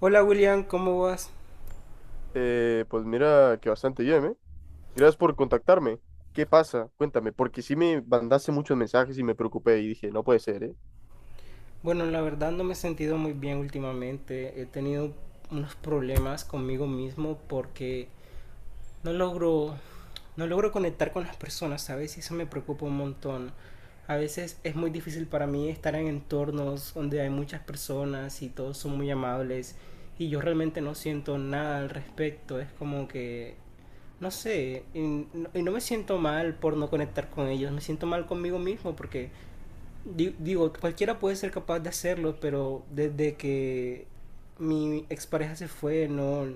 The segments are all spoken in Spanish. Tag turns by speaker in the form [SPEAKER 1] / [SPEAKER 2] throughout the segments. [SPEAKER 1] Hola William, ¿cómo vas?
[SPEAKER 2] Pues mira que bastante bien, ¿eh? Gracias por contactarme. ¿Qué pasa? Cuéntame, porque sí me mandaste muchos mensajes y me preocupé y dije, no puede ser, ¿eh?
[SPEAKER 1] Bueno, la verdad no me he sentido muy bien últimamente. He tenido unos problemas conmigo mismo porque no logro, no logro conectar con las personas, ¿sabes? Y eso me preocupa un montón. A veces es muy difícil para mí estar en entornos donde hay muchas personas y todos son muy amables, y yo realmente no siento nada al respecto. Es como que, no sé, y no me siento mal por no conectar con ellos, me siento mal conmigo mismo porque digo, cualquiera puede ser capaz de hacerlo, pero desde que mi expareja se fue, no,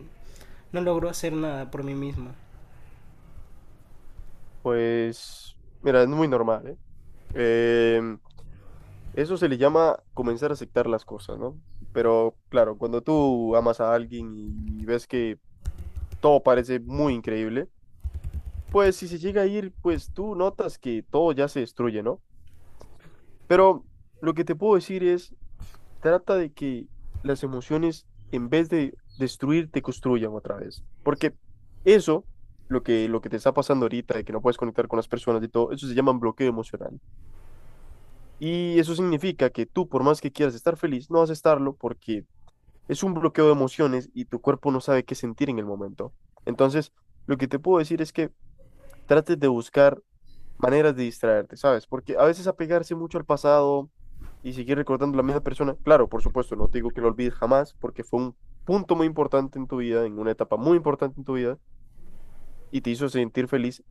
[SPEAKER 1] no logró hacer nada por mí misma.
[SPEAKER 2] Pues, mira, es muy normal, ¿eh? Em, Eso se le llama comenzar a aceptar las cosas, ¿no? Pero claro, cuando tú amas a alguien y ves que todo parece muy increíble, pues si se llega a ir, pues tú notas que todo ya se destruye, ¿no? Pero lo que te puedo decir es, trata de que las emociones, en vez de destruir, te construyan otra vez. Porque eso, lo que te está pasando ahorita, de que no puedes conectar con las personas y todo, eso se llama bloqueo emocional. Y eso significa que tú, por más que quieras estar feliz, no vas a estarlo porque es un bloqueo de emociones y tu cuerpo no sabe qué sentir en el momento. Entonces, lo que te puedo decir es que trates de buscar maneras de distraerte, ¿sabes? Porque a veces apegarse mucho al pasado y seguir recordando a la misma persona, claro, por supuesto, no te digo que lo olvides jamás, porque fue un punto muy importante en tu vida, en una etapa muy importante en tu vida, y te hizo sentir feliz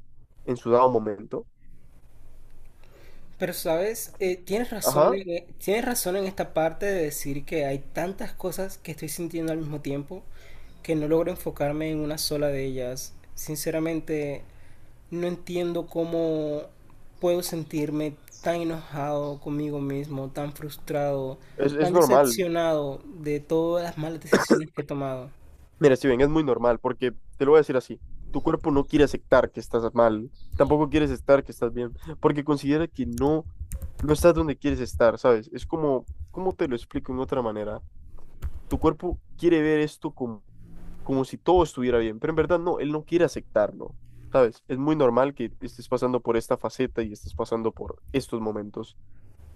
[SPEAKER 2] en su dado momento.
[SPEAKER 1] Pero sabes,
[SPEAKER 2] Ajá,
[SPEAKER 1] tienes razón en esta parte de decir que hay tantas cosas que estoy sintiendo al mismo tiempo que no logro enfocarme en una sola de ellas. Sinceramente, no entiendo cómo puedo sentirme tan enojado conmigo mismo, tan frustrado,
[SPEAKER 2] es
[SPEAKER 1] tan
[SPEAKER 2] normal.
[SPEAKER 1] decepcionado de todas las malas decisiones que he tomado.
[SPEAKER 2] Mira, Steven, es muy normal, porque te lo voy a decir así, tu cuerpo no quiere aceptar que estás mal, tampoco quieres estar que estás bien, porque considera que no, no estás donde quieres estar, ¿sabes? Es como, ¿cómo te lo explico en otra manera? Tu cuerpo quiere ver esto como como si todo estuviera bien, pero en verdad no, él no quiere aceptarlo, ¿sabes? Es muy normal que estés pasando por esta faceta y estés pasando por estos momentos.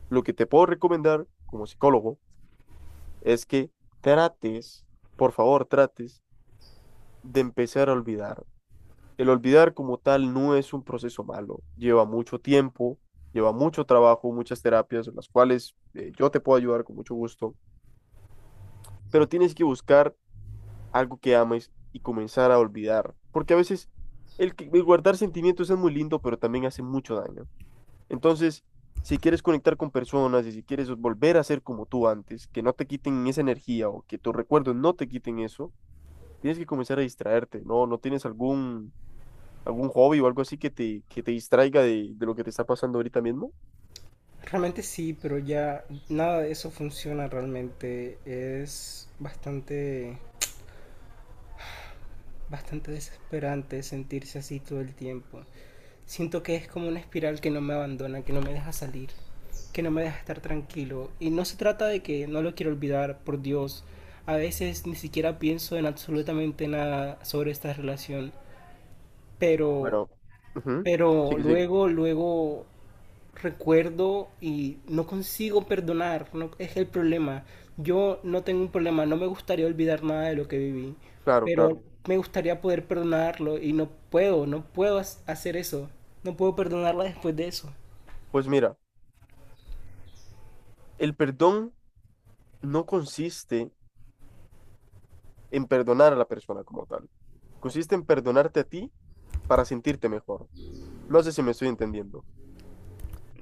[SPEAKER 2] Lo que te puedo recomendar como psicólogo es que trates, por favor, trates de empezar a olvidar. El olvidar como tal no es un proceso malo, lleva mucho tiempo, lleva mucho trabajo, muchas terapias, en las cuales yo te puedo ayudar con mucho gusto, pero tienes que buscar algo que ames y comenzar a olvidar. Porque a veces el guardar sentimientos es muy lindo, pero también hace mucho daño. Entonces, si quieres conectar con personas y si quieres volver a ser como tú antes, que no te quiten esa energía o que tus recuerdos no te quiten eso, tienes que comenzar a distraerte, ¿no? ¿No tienes algún, algún hobby o algo así que que te distraiga de lo que te está pasando ahorita mismo?
[SPEAKER 1] Realmente sí, pero ya nada de eso funciona realmente. Es bastante desesperante sentirse así todo el tiempo. Siento que es como una espiral que no me abandona, que no me deja salir, que no me deja estar tranquilo. Y no se trata de que no lo quiero olvidar, por Dios. A veces ni siquiera pienso en absolutamente nada sobre esta relación. Pero,
[SPEAKER 2] Bueno, ujú.
[SPEAKER 1] pero
[SPEAKER 2] Sigue, sigue.
[SPEAKER 1] luego recuerdo y no consigo perdonar, no, es el problema. Yo no tengo un problema, no me gustaría olvidar nada de lo que viví,
[SPEAKER 2] Claro,
[SPEAKER 1] pero
[SPEAKER 2] claro.
[SPEAKER 1] me gustaría poder perdonarlo y no puedo, hacer eso, no puedo perdonarla después de eso.
[SPEAKER 2] Pues mira, el perdón no consiste en perdonar a la persona como tal. Consiste en perdonarte a ti para sentirte mejor. No sé si me estoy entendiendo.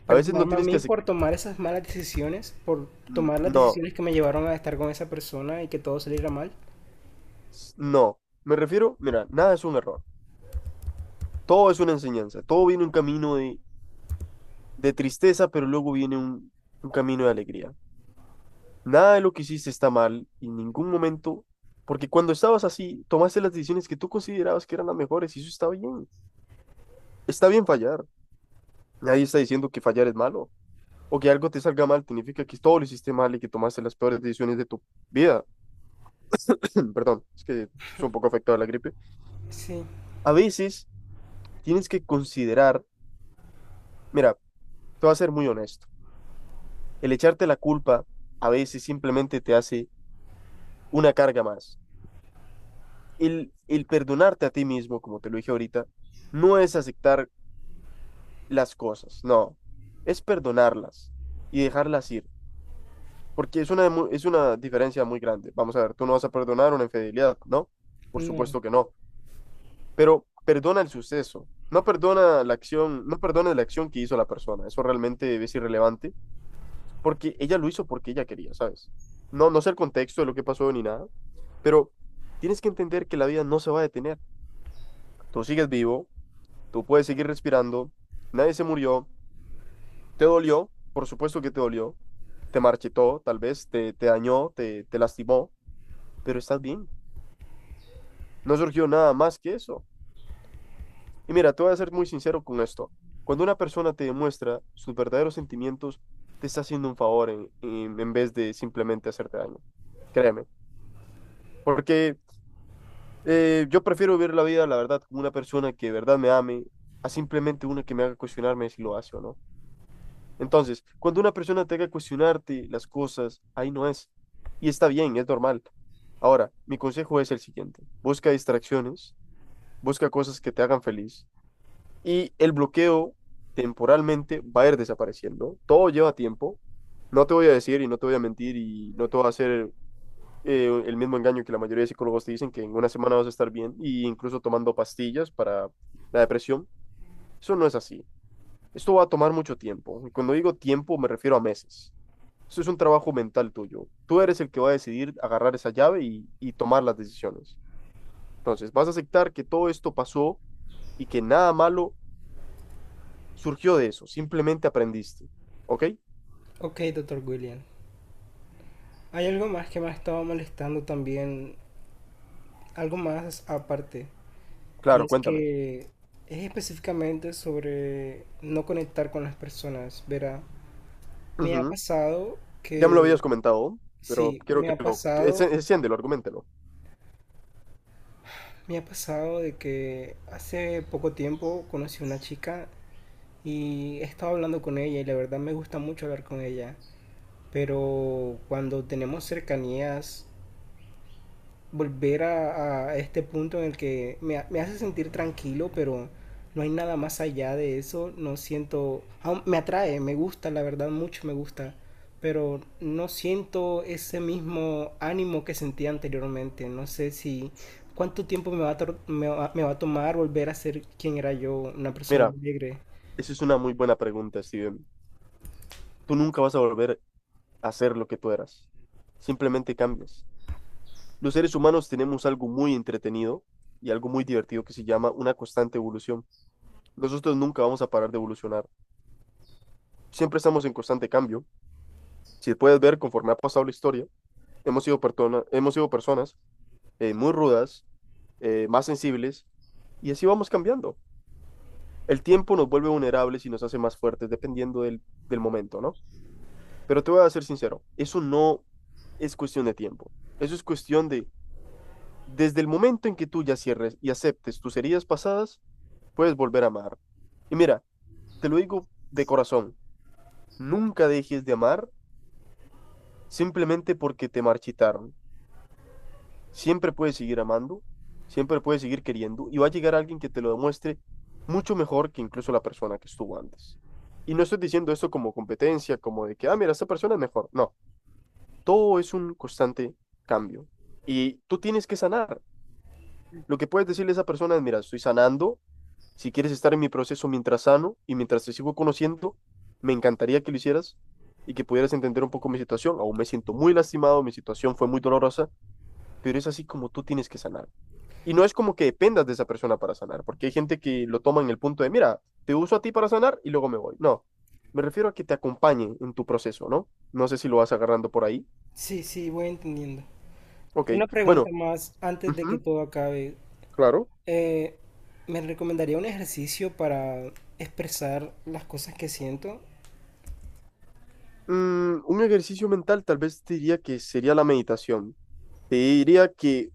[SPEAKER 2] A veces no
[SPEAKER 1] Perdonarme a
[SPEAKER 2] tienes que
[SPEAKER 1] mí
[SPEAKER 2] hacer...
[SPEAKER 1] por tomar esas malas decisiones, por tomar las
[SPEAKER 2] No,
[SPEAKER 1] decisiones que me llevaron a estar con esa persona y que todo saliera mal.
[SPEAKER 2] no. Me refiero, mira, nada es un error. Todo es una enseñanza. Todo viene un camino de tristeza, pero luego viene un camino de alegría. Nada de lo que hiciste está mal en ningún momento, porque cuando estabas así, tomaste las decisiones que tú considerabas que eran las mejores y eso está bien. Está bien fallar. Nadie está diciendo que fallar es malo. O que algo te salga mal, significa que todo lo hiciste mal y que tomaste las peores decisiones de tu vida. Perdón, es que soy un poco afectado a la gripe.
[SPEAKER 1] Sí,
[SPEAKER 2] A veces tienes que considerar, mira, te voy a ser muy honesto, el echarte la culpa a veces simplemente te hace una carga más. El perdonarte a ti mismo, como te lo dije ahorita, no es aceptar las cosas, no, es perdonarlas y dejarlas ir. Porque es una, es una diferencia muy grande. Vamos a ver, tú no vas a perdonar una infidelidad, ¿no? Por
[SPEAKER 1] no.
[SPEAKER 2] supuesto que no. Pero perdona el suceso, no perdona la acción, no perdona la acción que hizo la persona, eso realmente es irrelevante, porque ella lo hizo porque ella quería, ¿sabes? No, no sé el contexto de lo que pasó ni nada, pero tienes que entender que la vida no se va a detener, tú sigues vivo, tú puedes seguir respirando, nadie se murió, te dolió, por supuesto que te dolió, te marchitó, tal vez te, te dañó, te lastimó, pero estás bien, no surgió nada más que eso. Y mira, te voy a ser muy sincero con esto. Cuando una persona te demuestra sus verdaderos sentimientos, te está haciendo un favor en vez de simplemente hacerte daño. Créeme. Porque yo prefiero vivir la vida, la verdad, con una persona que de verdad me ame, a simplemente una que me haga cuestionarme si lo hace o no. Entonces, cuando una persona te haga cuestionarte las cosas, ahí no es. Y está bien, es normal. Ahora, mi consejo es el siguiente. Busca distracciones, busca cosas que te hagan feliz y el bloqueo temporalmente va a ir desapareciendo. Todo lleva tiempo. No te voy a decir y no te voy a mentir y no te voy a hacer el mismo engaño que la mayoría de psicólogos te dicen que en una semana vas a estar bien y incluso tomando pastillas para la depresión. Eso no es así. Esto va a tomar mucho tiempo. Y cuando digo tiempo me refiero a meses. Esto es un trabajo mental tuyo. Tú eres el que va a decidir agarrar esa llave y tomar las decisiones. Entonces, vas a aceptar que todo esto pasó y que nada malo surgió de eso, simplemente aprendiste. ¿Ok?
[SPEAKER 1] Ok, doctor William. Hay algo más que me ha estado molestando también, algo más aparte. Y
[SPEAKER 2] Claro,
[SPEAKER 1] es
[SPEAKER 2] cuéntame.
[SPEAKER 1] que es específicamente sobre no conectar con las personas, verá. Me ha
[SPEAKER 2] Ujú.
[SPEAKER 1] pasado
[SPEAKER 2] Ya me lo
[SPEAKER 1] que,
[SPEAKER 2] habías comentado, pero
[SPEAKER 1] sí,
[SPEAKER 2] quiero que lo... que enciéndelo, argumentelo.
[SPEAKER 1] me ha pasado de que hace poco tiempo conocí a una chica y he estado hablando con ella y la verdad me gusta mucho hablar con ella, pero cuando tenemos cercanías volver a este punto en el que me hace sentir tranquilo, pero no hay nada más allá de eso. No siento, aún me atrae, me gusta, la verdad, mucho me gusta, pero no siento ese mismo ánimo que sentía anteriormente. No sé si cuánto tiempo me va a, me va a tomar volver a ser quien era yo, una persona
[SPEAKER 2] Mira,
[SPEAKER 1] alegre.
[SPEAKER 2] esa es una muy buena pregunta, Steven. Tú nunca vas a volver a ser lo que tú eras. Simplemente cambias. Los seres humanos tenemos algo muy entretenido y algo muy divertido que se llama una constante evolución. Nosotros nunca vamos a parar de evolucionar. Siempre estamos en constante cambio. Si puedes ver, conforme ha pasado la historia, hemos sido, hemos sido personas muy rudas, más sensibles, y así vamos cambiando. El tiempo nos vuelve vulnerables y nos hace más fuertes dependiendo del, del momento, ¿no? Pero te voy a ser sincero, eso no es cuestión de tiempo, eso es cuestión de, desde el momento en que tú ya cierres y aceptes tus heridas pasadas, puedes volver a amar. Y mira, te lo digo de corazón, nunca dejes de amar simplemente porque te marchitaron. Siempre puedes seguir amando, siempre puedes seguir queriendo y va a llegar alguien que te lo demuestre mucho mejor que incluso la persona que estuvo antes. Y no estoy diciendo esto como competencia, como de que, ah, mira, esta persona es mejor. No, todo es un constante cambio. Y tú tienes que sanar. Lo que puedes decirle a esa persona es, mira, estoy sanando, si quieres estar en mi proceso mientras sano y mientras te sigo conociendo, me encantaría que lo hicieras y que pudieras entender un poco mi situación. Aún me siento muy lastimado, mi situación fue muy dolorosa, pero es así como tú tienes que sanar. Y no es como que dependas de esa persona para sanar, porque hay gente que lo toma en el punto de, mira, te uso a ti para sanar y luego me voy. No, me refiero a que te acompañe en tu proceso, ¿no? No sé si lo vas agarrando por ahí.
[SPEAKER 1] Sí, sí, voy entendiendo.
[SPEAKER 2] Ok,
[SPEAKER 1] Una pregunta
[SPEAKER 2] bueno,
[SPEAKER 1] más antes de que
[SPEAKER 2] ujú,
[SPEAKER 1] todo acabe.
[SPEAKER 2] claro.
[SPEAKER 1] Eh, me recomendaría un ejercicio para expresar las cosas que siento.
[SPEAKER 2] Mm, un ejercicio mental tal vez te diría que sería la meditación. Te diría que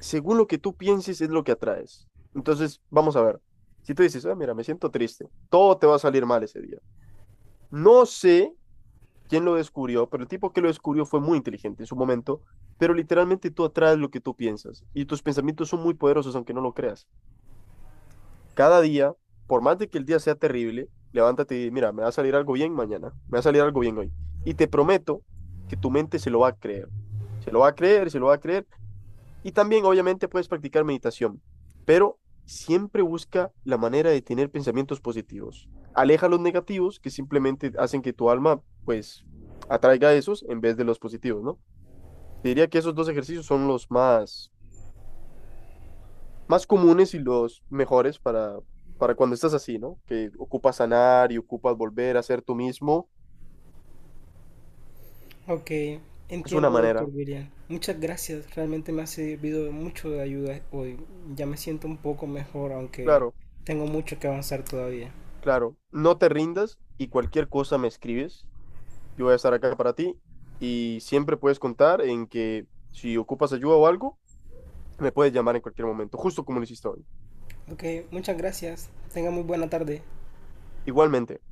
[SPEAKER 2] según lo que tú pienses es lo que atraes. Entonces, vamos a ver. Si tú dices, ah, mira, me siento triste, todo te va a salir mal ese día. No sé quién lo descubrió, pero el tipo que lo descubrió fue muy inteligente en su momento, pero literalmente tú atraes lo que tú piensas y tus pensamientos son muy poderosos aunque no lo creas. Cada día, por más de que el día sea terrible, levántate y mira, me va a salir algo bien mañana, me va a salir algo bien hoy. Y te prometo que tu mente se lo va a creer, se lo va a creer, se lo va a creer y también, obviamente, puedes practicar meditación, pero siempre busca la manera de tener pensamientos positivos. Aleja los negativos que simplemente hacen que tu alma, pues, atraiga esos en vez de los positivos, ¿no? Te diría que esos dos ejercicios son los más, más comunes y los mejores para cuando estás así, ¿no? Que ocupas sanar y ocupas volver a ser tú mismo.
[SPEAKER 1] Ok,
[SPEAKER 2] Es una
[SPEAKER 1] entiendo, doctor
[SPEAKER 2] manera,
[SPEAKER 1] William. Muchas gracias, realmente me ha servido mucho de ayuda hoy. Ya me siento un poco mejor, aunque
[SPEAKER 2] claro,
[SPEAKER 1] tengo mucho que avanzar todavía.
[SPEAKER 2] claro. No te rindas y cualquier cosa me escribes. Yo voy a estar acá para ti y siempre puedes contar en que si ocupas ayuda o algo, me puedes llamar en cualquier momento, justo como lo hiciste hoy.
[SPEAKER 1] Ok, muchas gracias. Tenga muy buena tarde.
[SPEAKER 2] Igualmente.